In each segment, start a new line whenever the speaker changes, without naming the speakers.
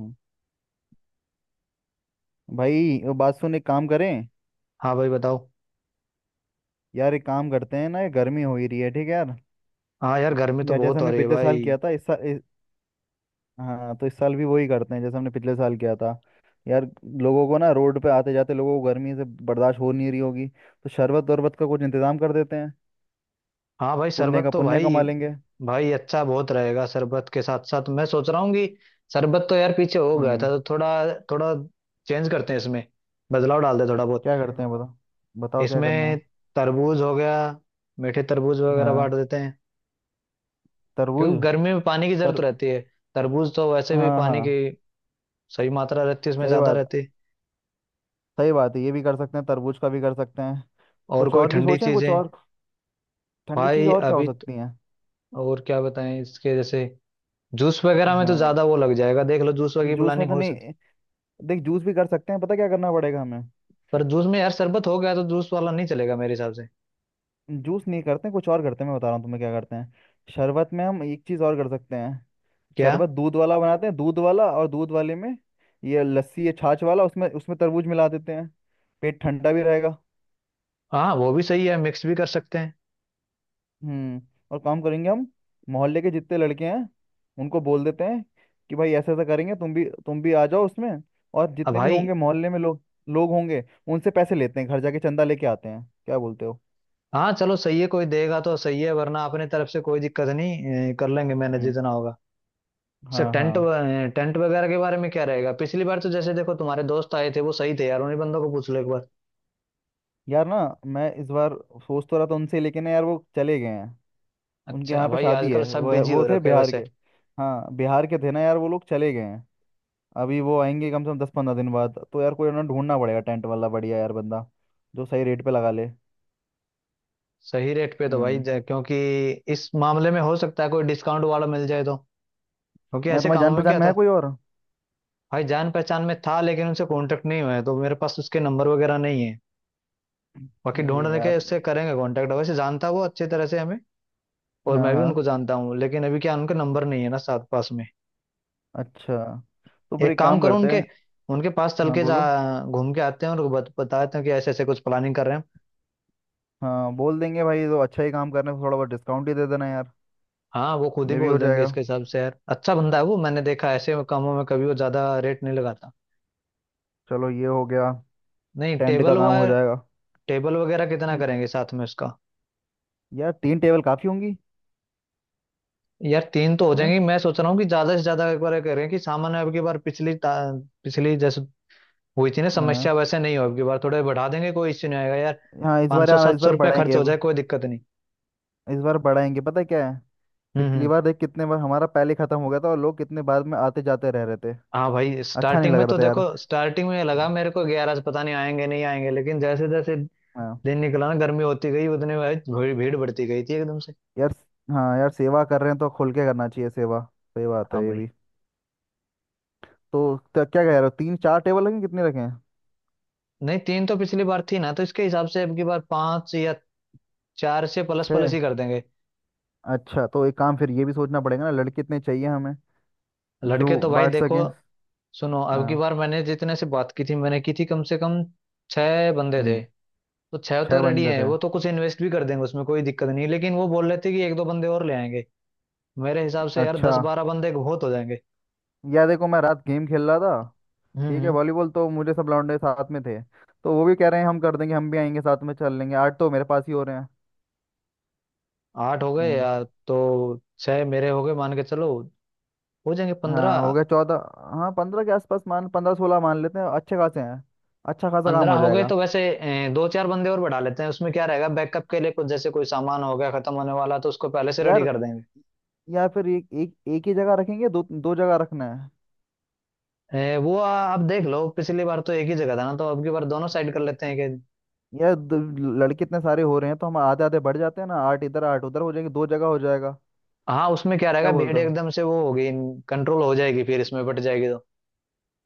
हम्म। भाई वो बात सुन, एक काम करें।
हाँ भाई बताओ।
यार एक काम करते हैं ना, ये गर्मी हो ही रही है, ठीक है यार।
हाँ यार, गर्मी तो
यार जैसे
बहुत हो
हमने
रही है
पिछले साल
भाई।
किया था इस साल हाँ, तो इस साल भी वही करते हैं जैसे हमने पिछले साल किया था यार। लोगों को ना, रोड पे आते जाते लोगों को गर्मी से बर्दाश्त हो नहीं रही होगी, तो शरबत वरबत का कुछ इंतजाम कर देते हैं।
हाँ भाई,
पुण्य
शरबत
का
तो
पुण्य
भाई।
कमा लेंगे।
भाई अच्छा बहुत रहेगा, शरबत के साथ साथ मैं सोच रहा हूँ कि शरबत तो यार पीछे हो गया था,
हम्म।
तो थोड़ा थोड़ा चेंज करते हैं इसमें। बदलाव डाल दे थोड़ा बहुत।
क्या करते हैं बताओ। बताओ क्या करना
इसमें
है।
तरबूज हो गया। मीठे तरबूज वगैरह बांट
हाँ।
देते हैं, क्योंकि
तरबूज।
गर्मी में पानी की जरूरत
तर
रहती है। तरबूज तो वैसे भी
हाँ
पानी की
हाँ।
सही मात्रा रहती है, उसमें
सही
ज्यादा
बात।
रहती है।
सही बात है, ये भी कर सकते हैं, तरबूज का भी कर सकते हैं।
और
कुछ
कोई
और भी
ठंडी
सोचें, कुछ
चीजें।
और। ठंडी चीज
भाई
और क्या हो
अभी
सकती है।
और क्या बताएं इसके जैसे। जूस वगैरह में तो
हाँ।
ज्यादा वो लग जाएगा, देख लो जूस वगैरह की
जूस में
प्लानिंग
तो
हो सकती है,
नहीं। देख, जूस भी कर सकते हैं, पता क्या करना पड़ेगा हमें।
पर जूस में यार शरबत हो गया तो जूस वाला नहीं चलेगा मेरे हिसाब से।
जूस नहीं करते, कुछ और करते हैं, मैं बता रहा हूँ तुम्हें क्या करते हैं। शरबत में हम एक चीज और कर सकते हैं।
क्या?
शरबत दूध वाला बनाते हैं, दूध वाला, और दूध वाले में ये लस्सी, ये छाछ वाला, उसमें उसमें तरबूज मिला देते हैं। पेट ठंडा भी रहेगा।
हाँ, वो भी सही है, मिक्स भी कर सकते हैं।
हम्म। और काम करेंगे हम। मोहल्ले के जितने लड़के हैं उनको बोल देते हैं कि भाई ऐसा ऐसा करेंगे, तुम भी आ जाओ उसमें। और
अब
जितने भी
भाई।
होंगे मोहल्ले में लोग, लोग होंगे, उनसे पैसे लेते हैं, घर जाके चंदा लेके आते हैं, क्या बोलते हो।
हाँ चलो, सही है, कोई देगा तो सही है, वरना अपने तरफ से कोई दिक्कत नहीं, कर लेंगे मैनेज
हम्म।
जितना होगा। सर,
हाँ हाँ।
टेंट वगैरह के बारे में क्या रहेगा? पिछली बार तो जैसे देखो तुम्हारे दोस्त आए थे, वो सही थे यार, उन्हीं बंदों को पूछ लो एक बार।
यार ना, मैं इस बार सोच तो रहा था उनसे, लेकिन ना यार वो चले गए हैं। उनके
अच्छा
यहाँ पे
भाई,
शादी है,
आजकल सब
वो
बिजी
वो
हो
थे
रखे हैं
बिहार के।
वैसे।
हाँ, बिहार के थे ना यार, वो लोग चले गए हैं। अभी वो आएंगे कम से कम 10 15 दिन बाद, तो यार कोई ना, ढूंढना पड़ेगा टेंट वाला बढ़िया यार बंदा, जो सही रेट पे लगा ले।
सही रेट पे तो भाई
हम्म।
क्योंकि इस मामले में हो सकता है कोई डिस्काउंट वाला मिल जाए तो, क्योंकि
यार
ऐसे
तुम्हारी जान
कामों में
पहचान
क्या।
में है कोई और?
भाई जान पहचान में था, लेकिन उनसे कांटेक्ट नहीं हुआ है तो मेरे पास उसके नंबर वगैरह नहीं है। बाकी
अरे
ढूंढने के
यार।
उससे करेंगे कांटेक्ट, वैसे जानता है वो अच्छे तरह से हमें। और
हाँ
मैं भी उनको
हाँ।
जानता हूँ, लेकिन अभी क्या उनके नंबर नहीं है ना साथ पास में।
अच्छा, तो फिर
एक
एक
काम
काम
करो,
करते
उनके
हैं।
उनके पास चल
हाँ
के जा।
बोलो।
घूम के आते हैं और बताते हैं कि ऐसे ऐसे कुछ प्लानिंग कर रहे हैं।
हाँ बोल देंगे भाई, तो अच्छा ही, काम करने को थोड़ा बहुत डिस्काउंट ही दे देना यार।
हाँ वो खुद ही
ये भी
बोल
हो
देंगे
जाएगा।
इसके हिसाब से, यार अच्छा बंदा है वो, मैंने देखा ऐसे कामों में कभी वो ज्यादा रेट नहीं लगाता।
चलो ये हो गया।
नहीं,
टेंट का काम हो जाएगा।
टेबल वगैरह कितना
हम्म,
करेंगे साथ में उसका?
यार 3 टेबल काफ़ी होंगी।
यार तीन तो हो
हाँ
जाएंगे। मैं सोच रहा हूँ कि ज्यादा से ज्यादा एक बार ये करें कि सामान्य अब की बार पिछली जैसे हुई थी ना समस्या,
हाँ।
वैसे नहीं हो अब की बार, थोड़े बढ़ा देंगे, कोई इश्यू नहीं आएगा यार।
हाँ, इस
पाँच
बार
सौ
यार, इस
सात सौ
बार
रुपया
बढ़ाएंगे
खर्च हो
अब।
जाए, कोई दिक्कत नहीं।
इस बार बढ़ाएंगे, पता है क्या है।
हम्म,
पिछली
हम्म।
बार देख कितने बार हमारा पहले ख़त्म हो गया था, और लोग कितने बाद में आते जाते रह रहे थे।
हाँ भाई,
अच्छा नहीं
स्टार्टिंग
लग
में
रहा
तो
था यार।
देखो, स्टार्टिंग में ये लगा मेरे को 11, पता नहीं आएंगे नहीं आएंगे, लेकिन जैसे जैसे
हाँ
दिन निकला ना, गर्मी होती गई उतने भाई भीड़ भीड़ बढ़ती गई थी एकदम से।
यार। हाँ यार, सेवा कर रहे हैं तो खुल के करना चाहिए सेवा। सही बात
हाँ
है ये
भाई।
भी। तो क्या क्या कह रहे हो, 3 4 टेबल रखें, कितने रखें।
नहीं, तीन तो पिछली बार थी ना, तो इसके हिसाब से अब की बार पाँच या चार से प्लस प्लस
छः।
ही कर देंगे।
अच्छा, तो एक काम, फिर ये भी सोचना पड़ेगा ना, लड़के इतने चाहिए हमें, जो
लड़के तो भाई
बांट
देखो।
सकें।
सुनो, अब की
हाँ।
बार मैंने जितने से बात की थी मैंने की थी, कम से कम छह बंदे थे।
हम्म।
तो छह तो
छः
रेडी
बंदे
हैं,
थे।
वो तो कुछ इन्वेस्ट भी कर देंगे, उसमें कोई दिक्कत नहीं, लेकिन वो बोल रहे थे कि एक दो बंदे और ले आएंगे। मेरे हिसाब से यार
अच्छा।
10 12 बंदे बहुत हो जाएंगे।
यार देखो, मैं रात गेम खेल रहा था,
हम्म,
ठीक है
हम्म।
वॉलीबॉल, तो मुझे सब लौंडे साथ में थे, तो वो भी कह रहे हैं हम कर देंगे, हम भी आएंगे साथ में चल लेंगे, 8 तो मेरे पास ही हो रहे हैं।
आठ हो गए
हम्म,
यार तो छह मेरे हो गए मान के चलो। हो जाएंगे 15।
हाँ, हो गया चौदह। हाँ, पंद्रह के आसपास मान, 15 16 मान लेते हैं, अच्छे खासे हैं। अच्छा खासा काम
पंद्रह
हो
हो गए
जाएगा।
तो वैसे दो चार बंदे और बढ़ा लेते हैं, उसमें क्या रहेगा बैकअप के लिए, कुछ जैसे कोई सामान हो गया खत्म होने वाला तो उसको पहले से रेडी
यार,
कर देंगे।
या फिर एक एक एक ही जगह रखेंगे, दो दो जगह रखना है।
आप देख लो, पिछली बार तो एक ही जगह था ना, तो अब की बार दोनों साइड कर लेते हैं कि
यार लड़के इतने सारे हो रहे हैं, तो हम आधे आधे बढ़ जाते हैं ना, आठ इधर आठ उधर हो जाएंगे, दो जगह हो जाएगा।
हाँ, उसमें क्या
क्या
रहेगा, भीड़
बोलते हो।
एकदम से वो होगी कंट्रोल हो जाएगी, फिर इसमें बट जाएगी तो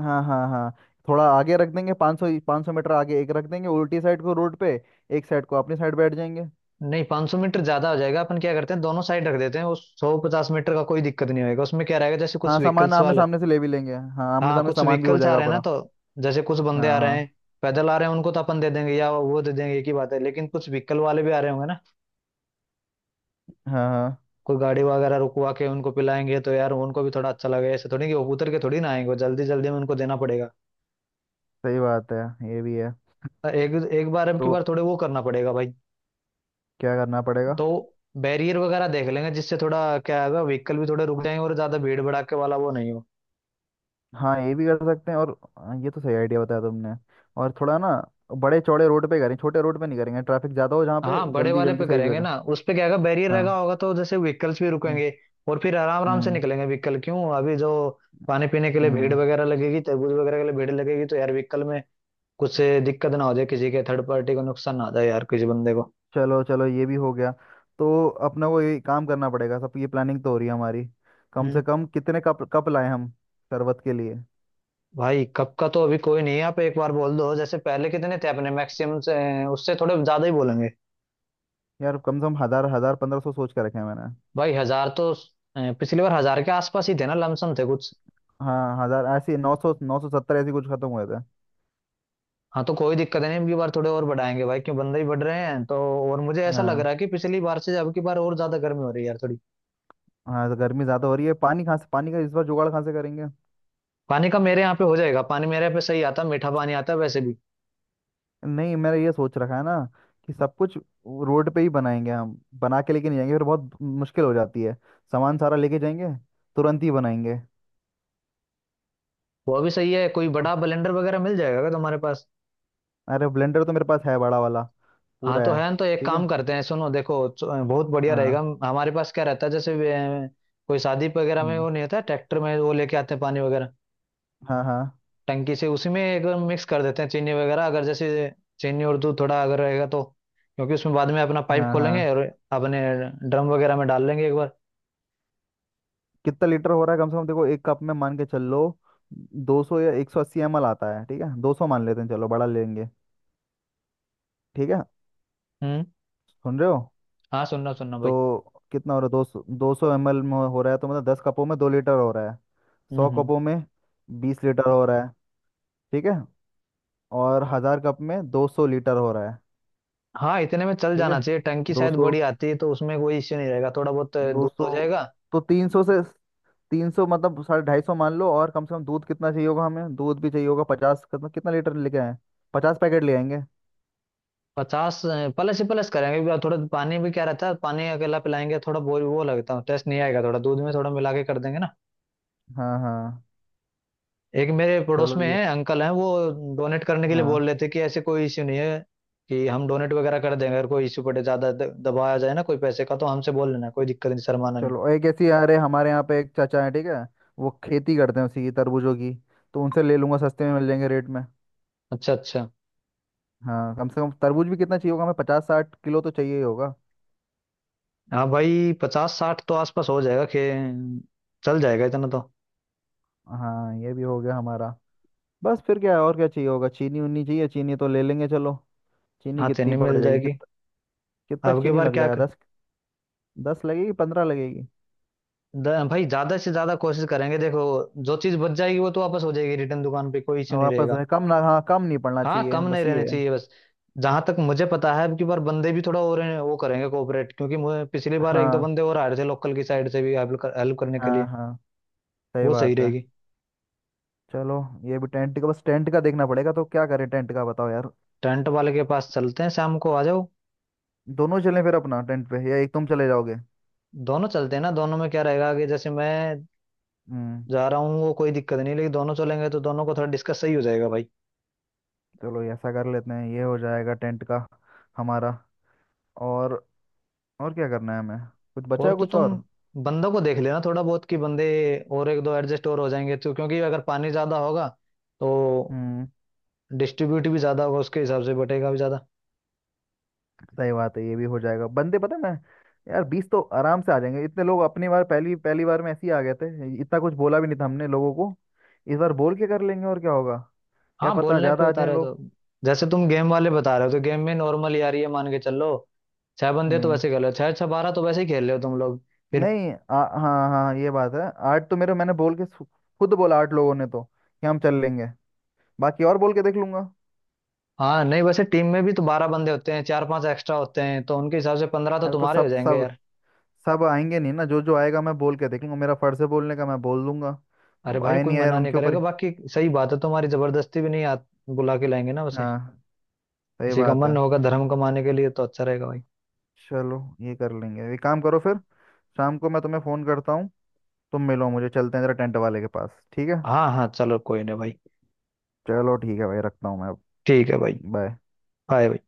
हाँ हाँ हाँ। थोड़ा आगे रख देंगे, 500 500 मीटर आगे एक रख देंगे उल्टी साइड को रोड पे। एक साइड को अपनी साइड बैठ जाएंगे।
नहीं, 500 मीटर ज्यादा हो जाएगा। अपन क्या करते हैं दोनों साइड रख देते हैं, वो 150 मीटर का कोई दिक्कत नहीं होगा, उसमें क्या रहेगा जैसे
हाँ,
कुछ
सामान
व्हीकल्स
आमने
वाले,
सामने से ले भी लेंगे, हाँ आमने
हाँ
सामने
कुछ
सामान भी हो
व्हीकल्स आ
जाएगा
रहे हैं ना
अपना।
तो जैसे कुछ बंदे आ
हाँ
रहे हैं,
हाँ।
पैदल आ रहे हैं उनको तो अपन दे देंगे या वो दे देंगे, एक ही बात है, लेकिन कुछ व्हीकल वाले भी आ रहे होंगे ना,
हाँ हाँ।
कोई गाड़ी वगैरह रुकवा के उनको पिलाएंगे तो यार उनको भी थोड़ा अच्छा लगेगा, ऐसे थोड़ी कि वो उतर के थोड़ी ना आएंगे, वो जल्दी जल्दी में उनको देना पड़ेगा।
सही बात है ये भी है।
एक एक बार अब की बार
तो
थोड़े वो करना पड़ेगा भाई।
क्या करना पड़ेगा?
तो बैरियर वगैरह देख लेंगे, जिससे थोड़ा क्या है व्हीकल भी थोड़े रुक जाएंगे और ज्यादा भीड़ भड़ाके वाला वो नहीं हो।
हाँ ये भी कर सकते हैं, और हाँ, ये तो सही आइडिया बताया तुमने। और थोड़ा ना, बड़े चौड़े रोड पे करें, छोटे रोड पे नहीं करेंगे, ट्रैफिक ज़्यादा हो जहाँ पे,
हाँ बड़े
जल्दी
वाले
जल्दी
पे
सही भी हो
करेंगे
जाए।
ना, उस पे क्या होगा बैरियर
हाँ।
लगा होगा तो जैसे व्हीकल्स भी
हम्म।
रुकेंगे और फिर आराम आराम से
हम्म।
निकलेंगे व्हीकल, क्यों अभी जो पानी पीने के लिए भीड़
हम्म।
वगैरह लगेगी, तरबूज वगैरह के लिए भीड़ लगेगी तो यार व्हीकल में कुछ से दिक्कत ना हो जाए, किसी के थर्ड पार्टी को नुकसान ना हो जाए यार किसी बंदे को।
चलो चलो, ये भी हो गया। तो अपना को ये काम करना पड़ेगा, सब ये प्लानिंग तो हो रही है हमारी। कम
हम्म।
से कम कितने कप कप लाए हम, शरबत के लिए।
भाई कब का तो अभी कोई नहीं है, आप एक बार बोल दो जैसे पहले कितने थे अपने मैक्सिमम से, उससे थोड़े ज्यादा ही बोलेंगे।
यार कम से कम हज़ार, 1000 1500 सोच के रखे हैं मैंने।
भाई 1000 तो पिछली बार 1000 के आसपास ही थे ना, लमसम थे कुछ।
हाँ हज़ार, ऐसे नौ सौ, 970 ऐसे कुछ खत्म हुए थे।
हाँ तो कोई दिक्कत नहीं, अबकी बार थोड़े और बढ़ाएंगे भाई, क्यों बंदे ही बढ़ रहे हैं तो। और मुझे ऐसा लग
हाँ।
रहा है कि पिछली बार से अब की बार और ज्यादा गर्मी हो रही है यार थोड़ी।
हाँ तो गर्मी ज़्यादा हो रही है, पानी, कहाँ से पानी का इस बार जुगाड़ कहाँ से करेंगे।
पानी का मेरे यहाँ पे हो जाएगा, पानी मेरे यहाँ पे सही आता, मीठा पानी आता है वैसे भी।
नहीं, मेरा ये सोच रखा है ना कि सब कुछ वो रोड पे ही बनाएंगे, हम बना के लेके नहीं जाएंगे, फिर बहुत मुश्किल हो जाती है। सामान सारा लेके जाएंगे, तुरंत ही बनाएंगे।
वो भी सही है, कोई
अब-
बड़ा ब्लेंडर वगैरह मिल जाएगा क्या तुम्हारे पास?
अरे ब्लेंडर तो मेरे पास है, बड़ा वाला,
हाँ
पूरा
तो
है।
है न, तो एक
ठीक है।
काम करते हैं, सुनो देखो बहुत बढ़िया रहेगा,
हाँ।
हमारे पास क्या रहता है जैसे कोई शादी वगैरह में
हम्म,
वो नहीं होता, ट्रैक्टर में वो लेके आते हैं पानी वगैरह,
हाँ हाँ।
टंकी से, उसी में अगर मिक्स कर देते हैं चीनी वगैरह अगर जैसे चीनी और दूध थोड़ा अगर रहेगा तो, क्योंकि उसमें बाद में अपना पाइप
हाँ हाँ।
खोलेंगे और अपने ड्रम वगैरह में डाल लेंगे एक बार।
कितना लीटर हो रहा है कम से कम, देखो, एक कप में मान के चल लो। 200 या 180 ml आता है, ठीक है, 200 मान लेते हैं, चलो बड़ा लेंगे। ठीक है।
हम्म।
सुन रहे हो?
हाँ सुनना सुनना भाई।
तो कितना हो रहा है, 200 200 ml में हो रहा है, तो मतलब 10 कपों में 2 लीटर हो रहा है।
हम्म,
सौ
हम्म।
कपों में बीस लीटर हो रहा है। ठीक है। और 1000 कप में 200 लीटर हो रहा है।
हाँ, इतने में चल
ठीक
जाना
है।
चाहिए, टंकी
दो
शायद
सौ।
बड़ी आती है तो उसमें कोई इश्यू नहीं रहेगा, थोड़ा बहुत
दो
दूध
सौ।
हो जाएगा।
तो 300 से, 300 मतलब 250 मान लो। और कम से कम दूध कितना चाहिए होगा हमें, दूध भी चाहिए होगा 50, कितना कितना लीटर लेके आए। 50 पैकेट ले आएंगे।
पचास प्लस ही प्लस करेंगे क्योंकि थोड़ा पानी भी क्या रहता है, पानी अकेला पिलाएंगे थोड़ा वो लगता है टेस्ट नहीं आएगा, थोड़ा दूध में थोड़ा मिला के कर देंगे ना।
हाँ हाँ।
एक मेरे पड़ोस
चलो
में
ये।
है अंकल हैं, वो डोनेट करने के लिए
हाँ।
बोल रहे थे कि ऐसे कोई इश्यू नहीं है, कि हम डोनेट वगैरह कर देंगे, अगर कोई इश्यू पड़े ज्यादा दबाया जाए ना कोई पैसे का तो हमसे बोल लेना, कोई दिक्कत नहीं, शर्माना नहीं।
चलो एक ऐसी, अरे हमारे यहाँ पे एक चाचा है, ठीक है, वो खेती करते हैं उसी की, तरबूजों की, तो उनसे ले लूंगा, सस्ते में मिल जाएंगे रेट में।
अच्छा, अच्छा।
हाँ, कम से कम तरबूज भी कितना चाहिए होगा हमें, 50 60 किलो तो चाहिए ही होगा।
हाँ भाई 50 60 तो आसपास हो जाएगा, खे चल जाएगा इतना तो।
हाँ ये भी हो गया हमारा। बस फिर क्या है, और क्या चाहिए होगा, चीनी उनी चाहिए, चीनी तो ले लेंगे चलो। चीनी
हाँ,
कितनी
चेन्नई
पड़
मिल
जाएगी,
जाएगी।
कितना, कितना
अब की
चीनी
बार
लग
क्या कर
जाएगा, दस, दस लगेगी, पंद्रह लगेगी।
भाई ज्यादा से ज्यादा कोशिश करेंगे, देखो जो चीज बच जाएगी वो तो वापस हो जाएगी रिटर्न दुकान पे, कोई इश्यू
और
नहीं
वापस
रहेगा।
वही, कम ना, हाँ कम नहीं पड़ना
हाँ
चाहिए
कम नहीं
बस
रहने
ये है।
चाहिए बस। जहां तक मुझे पता है अब की बार बंदे भी थोड़ा और वो करेंगे कोऑपरेट, क्योंकि मुझे पिछली बार एक दो
हाँ
बंदे और आ रहे थे लोकल की साइड से भी हेल्प करने के
हाँ
लिए।
हाँ। सही
वो सही
बात है।
रहेगी।
चलो, ये भी टेंट का, बस टेंट का देखना पड़ेगा, तो क्या करें, टेंट का बताओ यार।
टेंट वाले के पास चलते हैं, शाम को आ जाओ।
दोनों चलें फिर अपना टेंट पे, या एक तुम चले जाओगे।
दोनों चलते हैं ना, दोनों में क्या रहेगा कि जैसे मैं
हम्म।
जा रहा हूँ वो कोई दिक्कत नहीं, लेकिन दोनों चलेंगे तो दोनों को थोड़ा डिस्कस सही हो जाएगा भाई।
चलो ये ऐसा कर लेते हैं, ये हो जाएगा टेंट का हमारा। और और क्या करना है हमें, कुछ बचा
और
है
तो
कुछ
तुम
और।
बंदों को देख लेना थोड़ा बहुत कि बंदे और एक दो एडजस्ट और हो जाएंगे तो, क्योंकि अगर पानी ज्यादा होगा तो
हम्म।
डिस्ट्रीब्यूट भी ज्यादा होगा, उसके हिसाब से बटेगा भी ज्यादा।
सही बात है, ये भी हो जाएगा, बंदे पता है ना। यार 20 तो आराम से आ जाएंगे, इतने लोग अपनी बार, पहली पहली बार में ऐसे ही आ गए थे, इतना कुछ बोला भी नहीं था हमने लोगों को। इस बार बोल के कर लेंगे, और क्या होगा, क्या
हाँ
पता
बोलने पे
ज्यादा आ जाए
उतारे
लोग।
तो जैसे तुम गेम वाले बता रहे हो, तो गेम में नॉर्मल यार ये मान के चल लो छह बंदे तो
हम्म।
वैसे खेल रहे हो, छह छह 12 तो वैसे ही खेल रहे हो तुम लोग, फिर
नहीं हाँ हाँ, ये बात है। आठ तो मेरे, मैंने बोल के खुद बोला, 8 लोगों ने तो कि हम चल लेंगे, बाकी और बोल के देख लूंगा।
हाँ नहीं, वैसे टीम में भी तो 12 बंदे होते हैं, चार पांच एक्स्ट्रा होते हैं, तो उनके हिसाब से 15 तो
अरे तो
तुम्हारे हो
सब
जाएंगे
सब,
यार।
सब आएंगे नहीं ना, जो जो आएगा मैं बोल के देख लूंगा, मेरा फर्ज है बोलने का, मैं बोल दूंगा।
अरे
अब
भाई
आए
कोई
नहीं आए, यार
मना नहीं
उनके ऊपर
करेगा, बाकी सही बात है, तुम्हारी जबरदस्ती भी नहीं बुला के लाएंगे ना उसे।
हाँ सही
किसी का
बात
मन
है।
होगा धर्म कमाने के लिए तो अच्छा रहेगा भाई।
चलो ये कर लेंगे, एक काम करो फिर, शाम को मैं तुम्हें फ़ोन करता हूँ, तुम मिलो मुझे, चलते हैं जरा टेंट वाले के पास, ठीक है।
हाँ हाँ चलो, कोई नहीं भाई।
चलो ठीक है भाई, रखता हूँ मैं।
ठीक है भाई।
बाय।
बाय भाई।